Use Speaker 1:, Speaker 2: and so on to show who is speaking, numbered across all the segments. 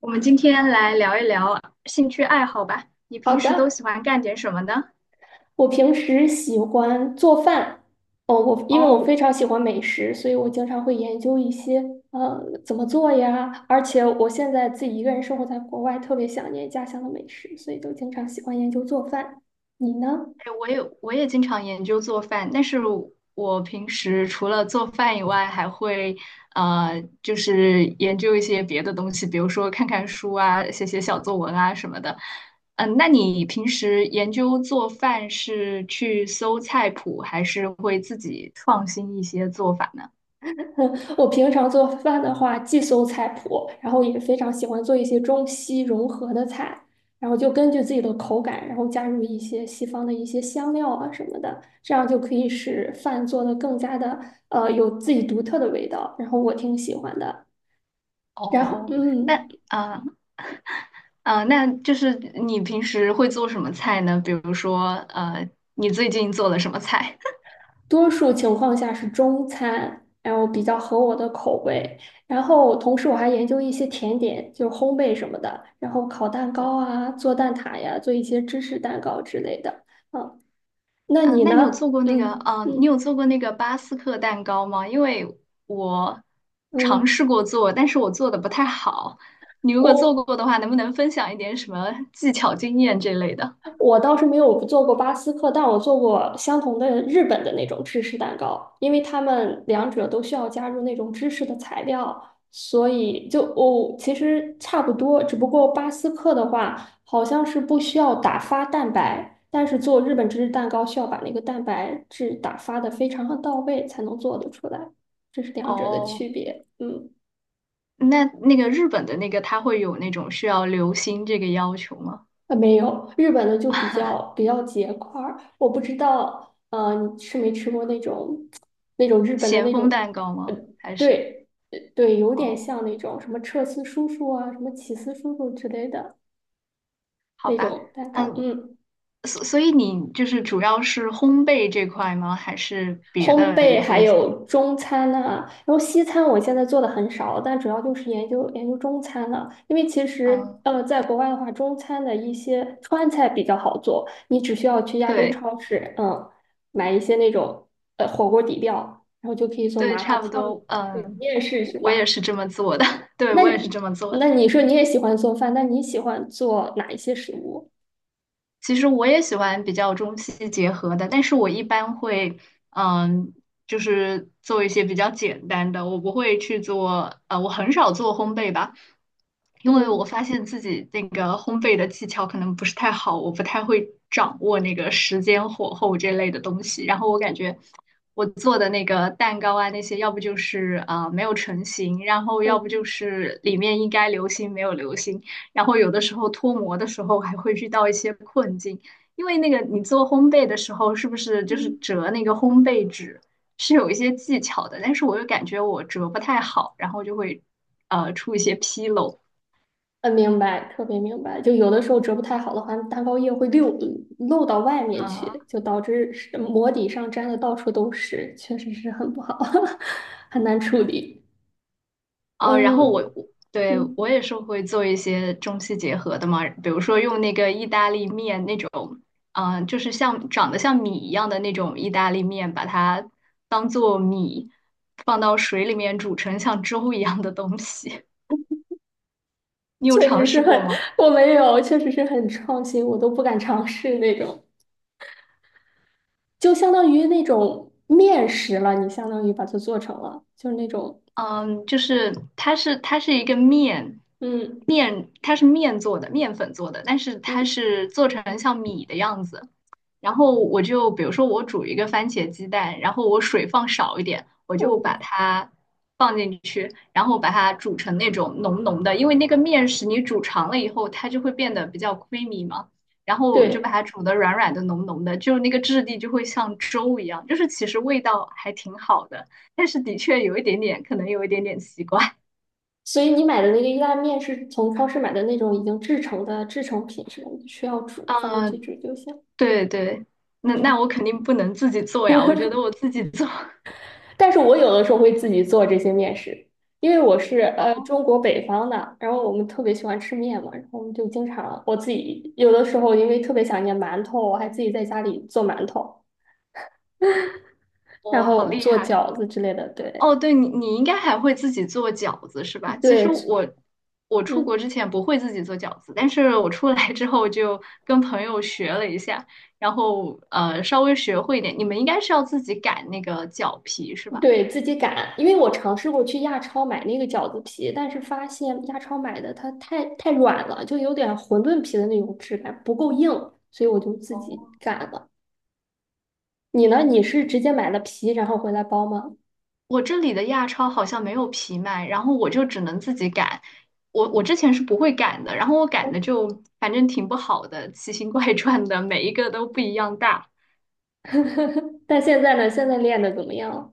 Speaker 1: 我们今天来聊一聊兴趣爱好吧。你
Speaker 2: 好
Speaker 1: 平时都
Speaker 2: 的，
Speaker 1: 喜欢干点什么呢？
Speaker 2: 我平时喜欢做饭。哦，因为我
Speaker 1: 哦，
Speaker 2: 非常喜欢美食，所以我经常会研究一些呃怎么做呀。而且我现在自己一个人生活在国外，特别想念家乡的美食，所以就经常喜欢研究做饭。你呢？
Speaker 1: 哎，我也经常研究做饭，但是我平时除了做饭以外，还会就是研究一些别的东西，比如说看看书啊，写写小作文啊什么的。嗯，那你平时研究做饭是去搜菜谱，还是会自己创新一些做法呢？
Speaker 2: 我平常做饭的话，既搜菜谱，然后也非常喜欢做一些中西融合的菜，然后就根据自己的口感，然后加入一些西方的一些香料啊什么的，这样就可以使饭做的更加的有自己独特的味道，然后我挺喜欢的。然后
Speaker 1: 哦，那
Speaker 2: 嗯。
Speaker 1: 嗯。呃那就是你平时会做什么菜呢？比如说，你最近做了什么菜？
Speaker 2: 多数情况下是中餐，然后比较合我的口味。然后同时我还研究一些甜点，就是烘焙什么的，然后烤蛋糕
Speaker 1: 哦，
Speaker 2: 啊，做蛋挞呀，做一些芝士蛋糕之类的。啊，那
Speaker 1: 啊，
Speaker 2: 你
Speaker 1: 那
Speaker 2: 呢？嗯
Speaker 1: 你
Speaker 2: 嗯
Speaker 1: 有做过那个巴斯克蛋糕吗？因为我尝试
Speaker 2: 嗯，
Speaker 1: 过做，但是我做的不太好。你如果做
Speaker 2: 我
Speaker 1: 过的话，能不能分享一点什么技巧、经验这类的？
Speaker 2: 我倒是没有做过巴斯克，但我做过相同的日本的那种芝士蛋糕，因为他们两者都需要加入那种芝士的材料，所以就哦，其实差不多，只不过巴斯克的话好像是不需要打发蛋白，但是做日本芝士蛋糕需要把那个蛋白质打发的非常的到位才能做得出来，这是两者的区
Speaker 1: 哦，
Speaker 2: 别。嗯。
Speaker 1: 那个日本的那个，它会有那种需要留心这个要求吗？
Speaker 2: 啊，没有，日本的就比较结块儿。我不知道，你吃没吃过那种日本的
Speaker 1: 咸
Speaker 2: 那
Speaker 1: 丰
Speaker 2: 种。
Speaker 1: 蛋糕
Speaker 2: 呃，
Speaker 1: 吗？还是？
Speaker 2: 对，对对有点
Speaker 1: 哦。
Speaker 2: 像那种什么彻斯叔叔啊，什么起司叔叔之类的
Speaker 1: 好
Speaker 2: 那
Speaker 1: 吧，
Speaker 2: 种蛋糕。
Speaker 1: 嗯，
Speaker 2: 嗯，
Speaker 1: 所以你就是主要是烘焙这块吗？还是别
Speaker 2: 烘
Speaker 1: 的
Speaker 2: 焙
Speaker 1: 也
Speaker 2: 还
Speaker 1: 会做？
Speaker 2: 有中餐呐、然后西餐我现在做的很少，但主要就是研究研究中餐了。因为其实
Speaker 1: 嗯，
Speaker 2: 在国外的话，中餐的一些川菜比较好做，你只需要去亚洲
Speaker 1: 对
Speaker 2: 超市，买一些那种火锅底料，然后就可以做
Speaker 1: 对，
Speaker 2: 麻辣
Speaker 1: 差不
Speaker 2: 烫。
Speaker 1: 多，
Speaker 2: 对，你也是是
Speaker 1: 我也
Speaker 2: 吧？
Speaker 1: 是这么做的，对
Speaker 2: 那
Speaker 1: 我也是这么做
Speaker 2: 那
Speaker 1: 的。
Speaker 2: 你说你也喜欢做饭，那你喜欢做哪一些食物？
Speaker 1: 其实我也喜欢比较中西结合的，但是我一般会，嗯，就是做一些比较简单的，我不会去做，我很少做烘焙吧，因为我
Speaker 2: 嗯
Speaker 1: 发现自己那个烘焙的技巧可能不是太好，我不太会掌握那个时间、火候这类的东西。然后我感觉我做的那个蛋糕啊，那些要不就是没有成型，然后要不就
Speaker 2: 嗯
Speaker 1: 是里面应该流心没有流心。然后有的时候脱模的时候还会遇到一些困境，因为那个你做烘焙的时候，是不是就是
Speaker 2: 嗯。
Speaker 1: 折那个烘焙纸是有一些技巧的？但是我又感觉我折不太好，然后就会出一些纰漏。
Speaker 2: 嗯，明白，特别明白。就有的时候折不太好的话，蛋糕液会溜漏到外面
Speaker 1: 呃，
Speaker 2: 去，就导致是膜底上粘的到处都是，确实是很不好，很难处理。
Speaker 1: 哦，然后我
Speaker 2: 嗯
Speaker 1: 我对我
Speaker 2: 嗯，
Speaker 1: 也是会做一些中西结合的嘛，比如说用那个意大利面那种，就是像长得像米一样的那种意大利面，把它当做米放到水里面煮成像粥一样的东西，你有
Speaker 2: 确
Speaker 1: 尝
Speaker 2: 实是
Speaker 1: 试
Speaker 2: 很，
Speaker 1: 过吗？
Speaker 2: 我没有，确实是很创新，我都不敢尝试那种，就相当于那种面食了，你相当于把它做成了，就是那种，
Speaker 1: 嗯，就是它是一个面
Speaker 2: 嗯
Speaker 1: 面，它是面做的，面粉做的，但是它
Speaker 2: 嗯
Speaker 1: 是做成像米的样子。然后我就比如说我煮一个番茄鸡蛋，然后我水放少一点，我就把
Speaker 2: 嗯，
Speaker 1: 它放进去，然后把它煮成那种浓浓的，因为那个面食你煮长了以后，它就会变得比较 creamy 嘛。然后我就把
Speaker 2: 对。
Speaker 1: 它煮的软软的、浓浓的，就那个质地就会像粥一样，就是其实味道还挺好的。但是的确有一点点，可能有一点点奇怪
Speaker 2: 所以你买的那个意大利面是从超市买的那种已经制成的制成品是吧？你需要煮，放进
Speaker 1: 啊。
Speaker 2: 去煮就行。
Speaker 1: 对对，那
Speaker 2: 嗯，
Speaker 1: 我肯定不能自己做呀，我觉得我自己做，
Speaker 2: 但是我有的时候会自己做这些面食，因为我是
Speaker 1: 哦，
Speaker 2: 中国北方的，然后我们特别喜欢吃面嘛，然后我们就经常我自己有的时候因为特别想念馒头，我还自己在家里做馒头，然
Speaker 1: 我好
Speaker 2: 后
Speaker 1: 厉
Speaker 2: 做
Speaker 1: 害。
Speaker 2: 饺子之类的。对
Speaker 1: 哦，对你应该还会自己做饺子是吧？其实
Speaker 2: 对，
Speaker 1: 我出国之
Speaker 2: 嗯。
Speaker 1: 前不会自己做饺子，但是我出来之后就跟朋友学了一下，然后稍微学会一点。你们应该是要自己擀那个饺皮是吧？
Speaker 2: 对，自己擀，因为我尝试过去亚超买那个饺子皮，但是发现亚超买的它太软了，就有点馄饨皮的那种质感，不够硬，所以我就自
Speaker 1: 哦，
Speaker 2: 己擀了。你呢？你是直接买了皮然后回来包吗？
Speaker 1: 我这里的亚超好像没有皮卖，然后我就只能自己擀。我之前是不会擀的，然后我擀的就反正挺不好的，奇形怪状的，每一个都不一样大。
Speaker 2: 但现在呢？现在练的怎么样了？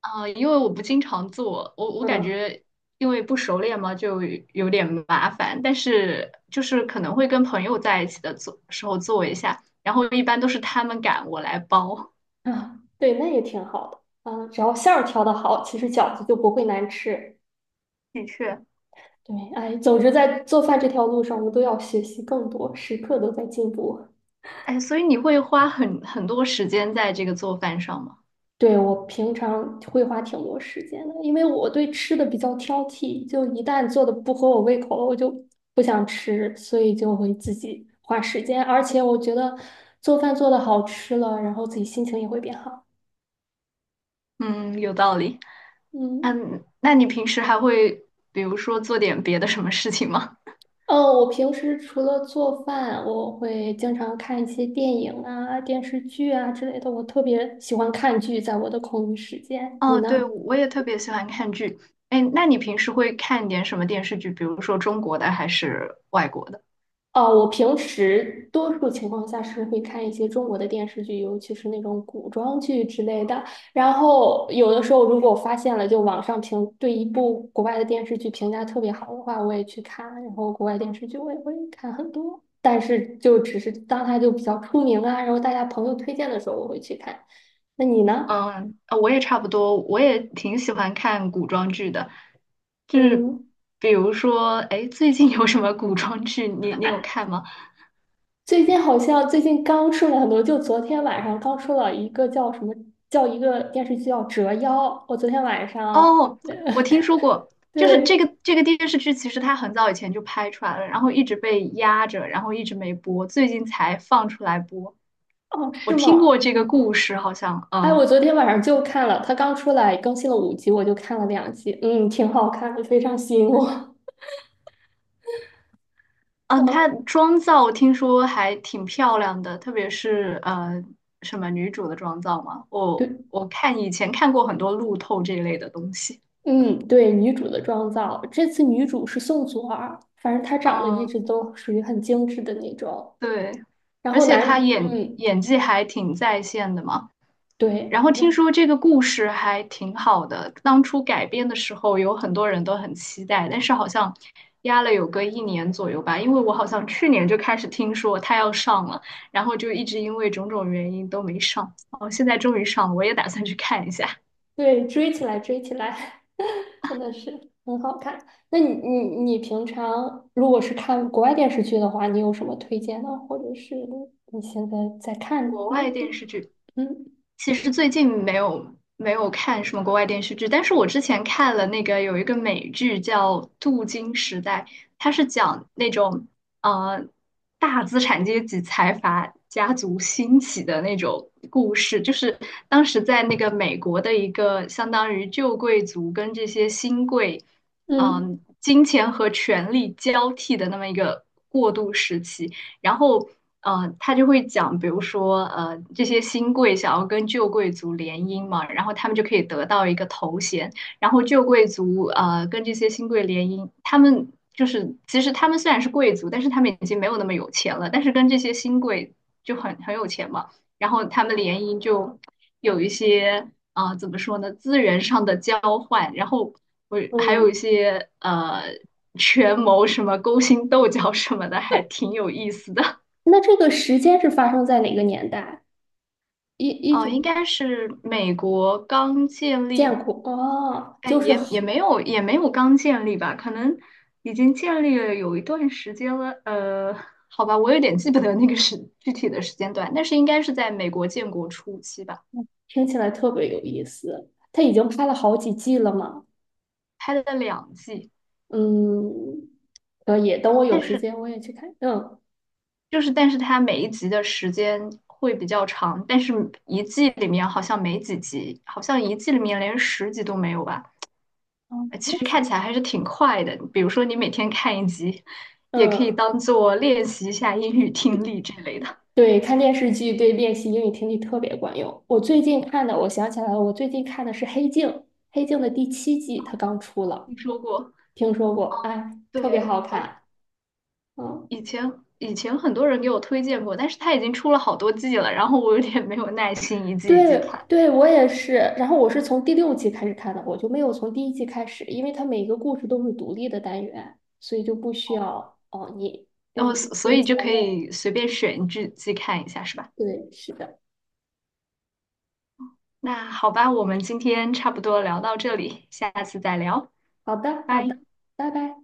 Speaker 1: 因为我不经常做，我感
Speaker 2: 嗯
Speaker 1: 觉因为不熟练嘛，就有点麻烦。但是就是可能会跟朋友在一起的做时候做一下，然后一般都是他们擀，我来包。
Speaker 2: 啊，对，那也挺好的啊，只要馅儿调的好，其实饺子就不会难吃。
Speaker 1: 的确，
Speaker 2: 对，哎，总之在做饭这条路上，我们都要学习更多，时刻都在进步。
Speaker 1: 哎，所以你会花很多时间在这个做饭上吗？
Speaker 2: 对，我平常会花挺多时间的，因为我对吃的比较挑剔，就一旦做的不合我胃口了，我就不想吃，所以就会自己花时间。而且我觉得做饭做的好吃了，然后自己心情也会变好。
Speaker 1: 嗯，有道理。
Speaker 2: 嗯。
Speaker 1: 那你平时还会比如说做点别的什么事情吗？
Speaker 2: 哦，我平时除了做饭，我会经常看一些电影啊、电视剧啊之类的。我特别喜欢看剧，在我的空余时 间，你
Speaker 1: 哦，对，
Speaker 2: 呢？
Speaker 1: 我也特别喜欢看剧。哎，那你平时会看点什么电视剧？比如说中国的还是外国的？
Speaker 2: 哦，我平时多数情况下是会看一些中国的电视剧，尤其是那种古装剧之类的。然后有的时候，如果我发现了，就网上评对一部国外的电视剧评价特别好的话，我也去看。然后国外电视剧我也会看很多，但是就只是当它就比较出名啊，然后大家朋友推荐的时候我会去看。那你呢？
Speaker 1: 嗯，我也差不多，我也挺喜欢看古装剧的。就是
Speaker 2: 嗯。
Speaker 1: 比如说，哎，最近有什么古装剧？你有看吗？
Speaker 2: 最近好像最近刚出了很多，就昨天晚上刚出了一个叫什么，叫一个电视剧叫《折腰》。我昨天晚上。
Speaker 1: 哦，我听说 过，就是这
Speaker 2: 对，
Speaker 1: 个这个电视剧，其实它很早以前就拍出来了，然后一直被压着，然后一直没播，最近才放出来播。
Speaker 2: 哦，
Speaker 1: 我
Speaker 2: 是
Speaker 1: 听过
Speaker 2: 吗？
Speaker 1: 这个故事，好像，
Speaker 2: 哎，我昨天晚上就看了，它刚出来更新了5集，我就看了2集，嗯，挺好看的，非常吸引我。
Speaker 1: 嗯，她
Speaker 2: 嗯，
Speaker 1: 妆造听说还挺漂亮的，特别是什么女主的妆造嘛，我
Speaker 2: 对，
Speaker 1: 我看以前看过很多路透这一类的东西，
Speaker 2: 嗯，对，女主的妆造，这次女主是宋祖儿，反正她长得一
Speaker 1: 嗯，
Speaker 2: 直都属于很精致的那种。
Speaker 1: 对，
Speaker 2: 然
Speaker 1: 而
Speaker 2: 后
Speaker 1: 且她
Speaker 2: 男，
Speaker 1: 演
Speaker 2: 嗯，
Speaker 1: 演技还挺在线的嘛。
Speaker 2: 对，
Speaker 1: 然后
Speaker 2: 我
Speaker 1: 听说这个故事还挺好的，当初改编的时候有很多人都很期待，但是好像压了有个一年左右吧，因为我好像去年就开始听说它要上了，然后就一直因为种种原因都没上，哦，现在终于上了，我也打算去看一下
Speaker 2: 对，追起来，追起来。真的是很好看。那你平常如果是看国外电视剧的话，你有什么推荐的，或者是你现在在看
Speaker 1: 国
Speaker 2: 那
Speaker 1: 外电
Speaker 2: 部？
Speaker 1: 视剧。
Speaker 2: 嗯
Speaker 1: 其实最近没有看什么国外电视剧，但是我之前看了那个有一个美剧叫《镀金时代》，它是讲那种呃大资产阶级财阀家族兴起的那种故事，就是当时在那个美国的一个相当于旧贵族跟这些新贵，
Speaker 2: 嗯
Speaker 1: 金钱和权力交替的那么一个过渡时期。然后他就会讲，比如说这些新贵想要跟旧贵族联姻嘛，然后他们就可以得到一个头衔，然后旧贵族跟这些新贵联姻，他们就是其实他们虽然是贵族，但是他们已经没有那么有钱了，但是跟这些新贵就很有钱嘛。然后他们联姻就有一些啊、怎么说呢，资源上的交换，然后我还有一
Speaker 2: 嗯。
Speaker 1: 些权谋什么勾心斗角什么的，还挺有意思的。
Speaker 2: 那这个时间是发生在哪个年代？一一
Speaker 1: 哦，应
Speaker 2: 九
Speaker 1: 该是美国刚建立，
Speaker 2: 建国哦，
Speaker 1: 哎，
Speaker 2: 就是
Speaker 1: 也没有刚建立吧，可能已经建立了有一段时间了。好吧，我有点记不得那个时具体的时间段，但是应该是在美国建国初期吧，
Speaker 2: 听起来特别有意思。他已经拍了好几季了嘛？
Speaker 1: 拍了2季。
Speaker 2: 嗯，可以，等我有
Speaker 1: 但
Speaker 2: 时
Speaker 1: 是。
Speaker 2: 间我也去看。嗯。
Speaker 1: 就是，但是它每一集的时间会比较长，但是一季里面好像没几集，好像一季里面连10集都没有吧。
Speaker 2: 哦，没
Speaker 1: 其
Speaker 2: 问
Speaker 1: 实
Speaker 2: 题。
Speaker 1: 看起来还是挺快的。比如说你每天看一集，也可以
Speaker 2: 嗯。
Speaker 1: 当做练习一下英语听力之类的。
Speaker 2: 对，看电视剧对练习英语听力特别管用。我最近看的，我想起来了，我最近看的是《黑镜》，《黑镜》的第7季，它刚出了，
Speaker 1: 听说过？
Speaker 2: 听说过，哎，特别
Speaker 1: 对，
Speaker 2: 好
Speaker 1: 我
Speaker 2: 看。嗯，
Speaker 1: 以前以前很多人给我推荐过，但是它已经出了好多季了，然后我有点没有耐心一季一季看，
Speaker 2: 对，对，我也是。然后我是从第6季开始看的，我就没有从第1季开始，因为它每个故事都是独立的单元，所以就不需要哦，你，
Speaker 1: 然后
Speaker 2: 嗯，
Speaker 1: 所以就可以随便选一季一季看一下，是吧？
Speaker 2: 对，是的，
Speaker 1: 那好吧，我们今天差不多聊到这里，下次再聊，
Speaker 2: 好的，好的，
Speaker 1: 拜。
Speaker 2: 拜拜。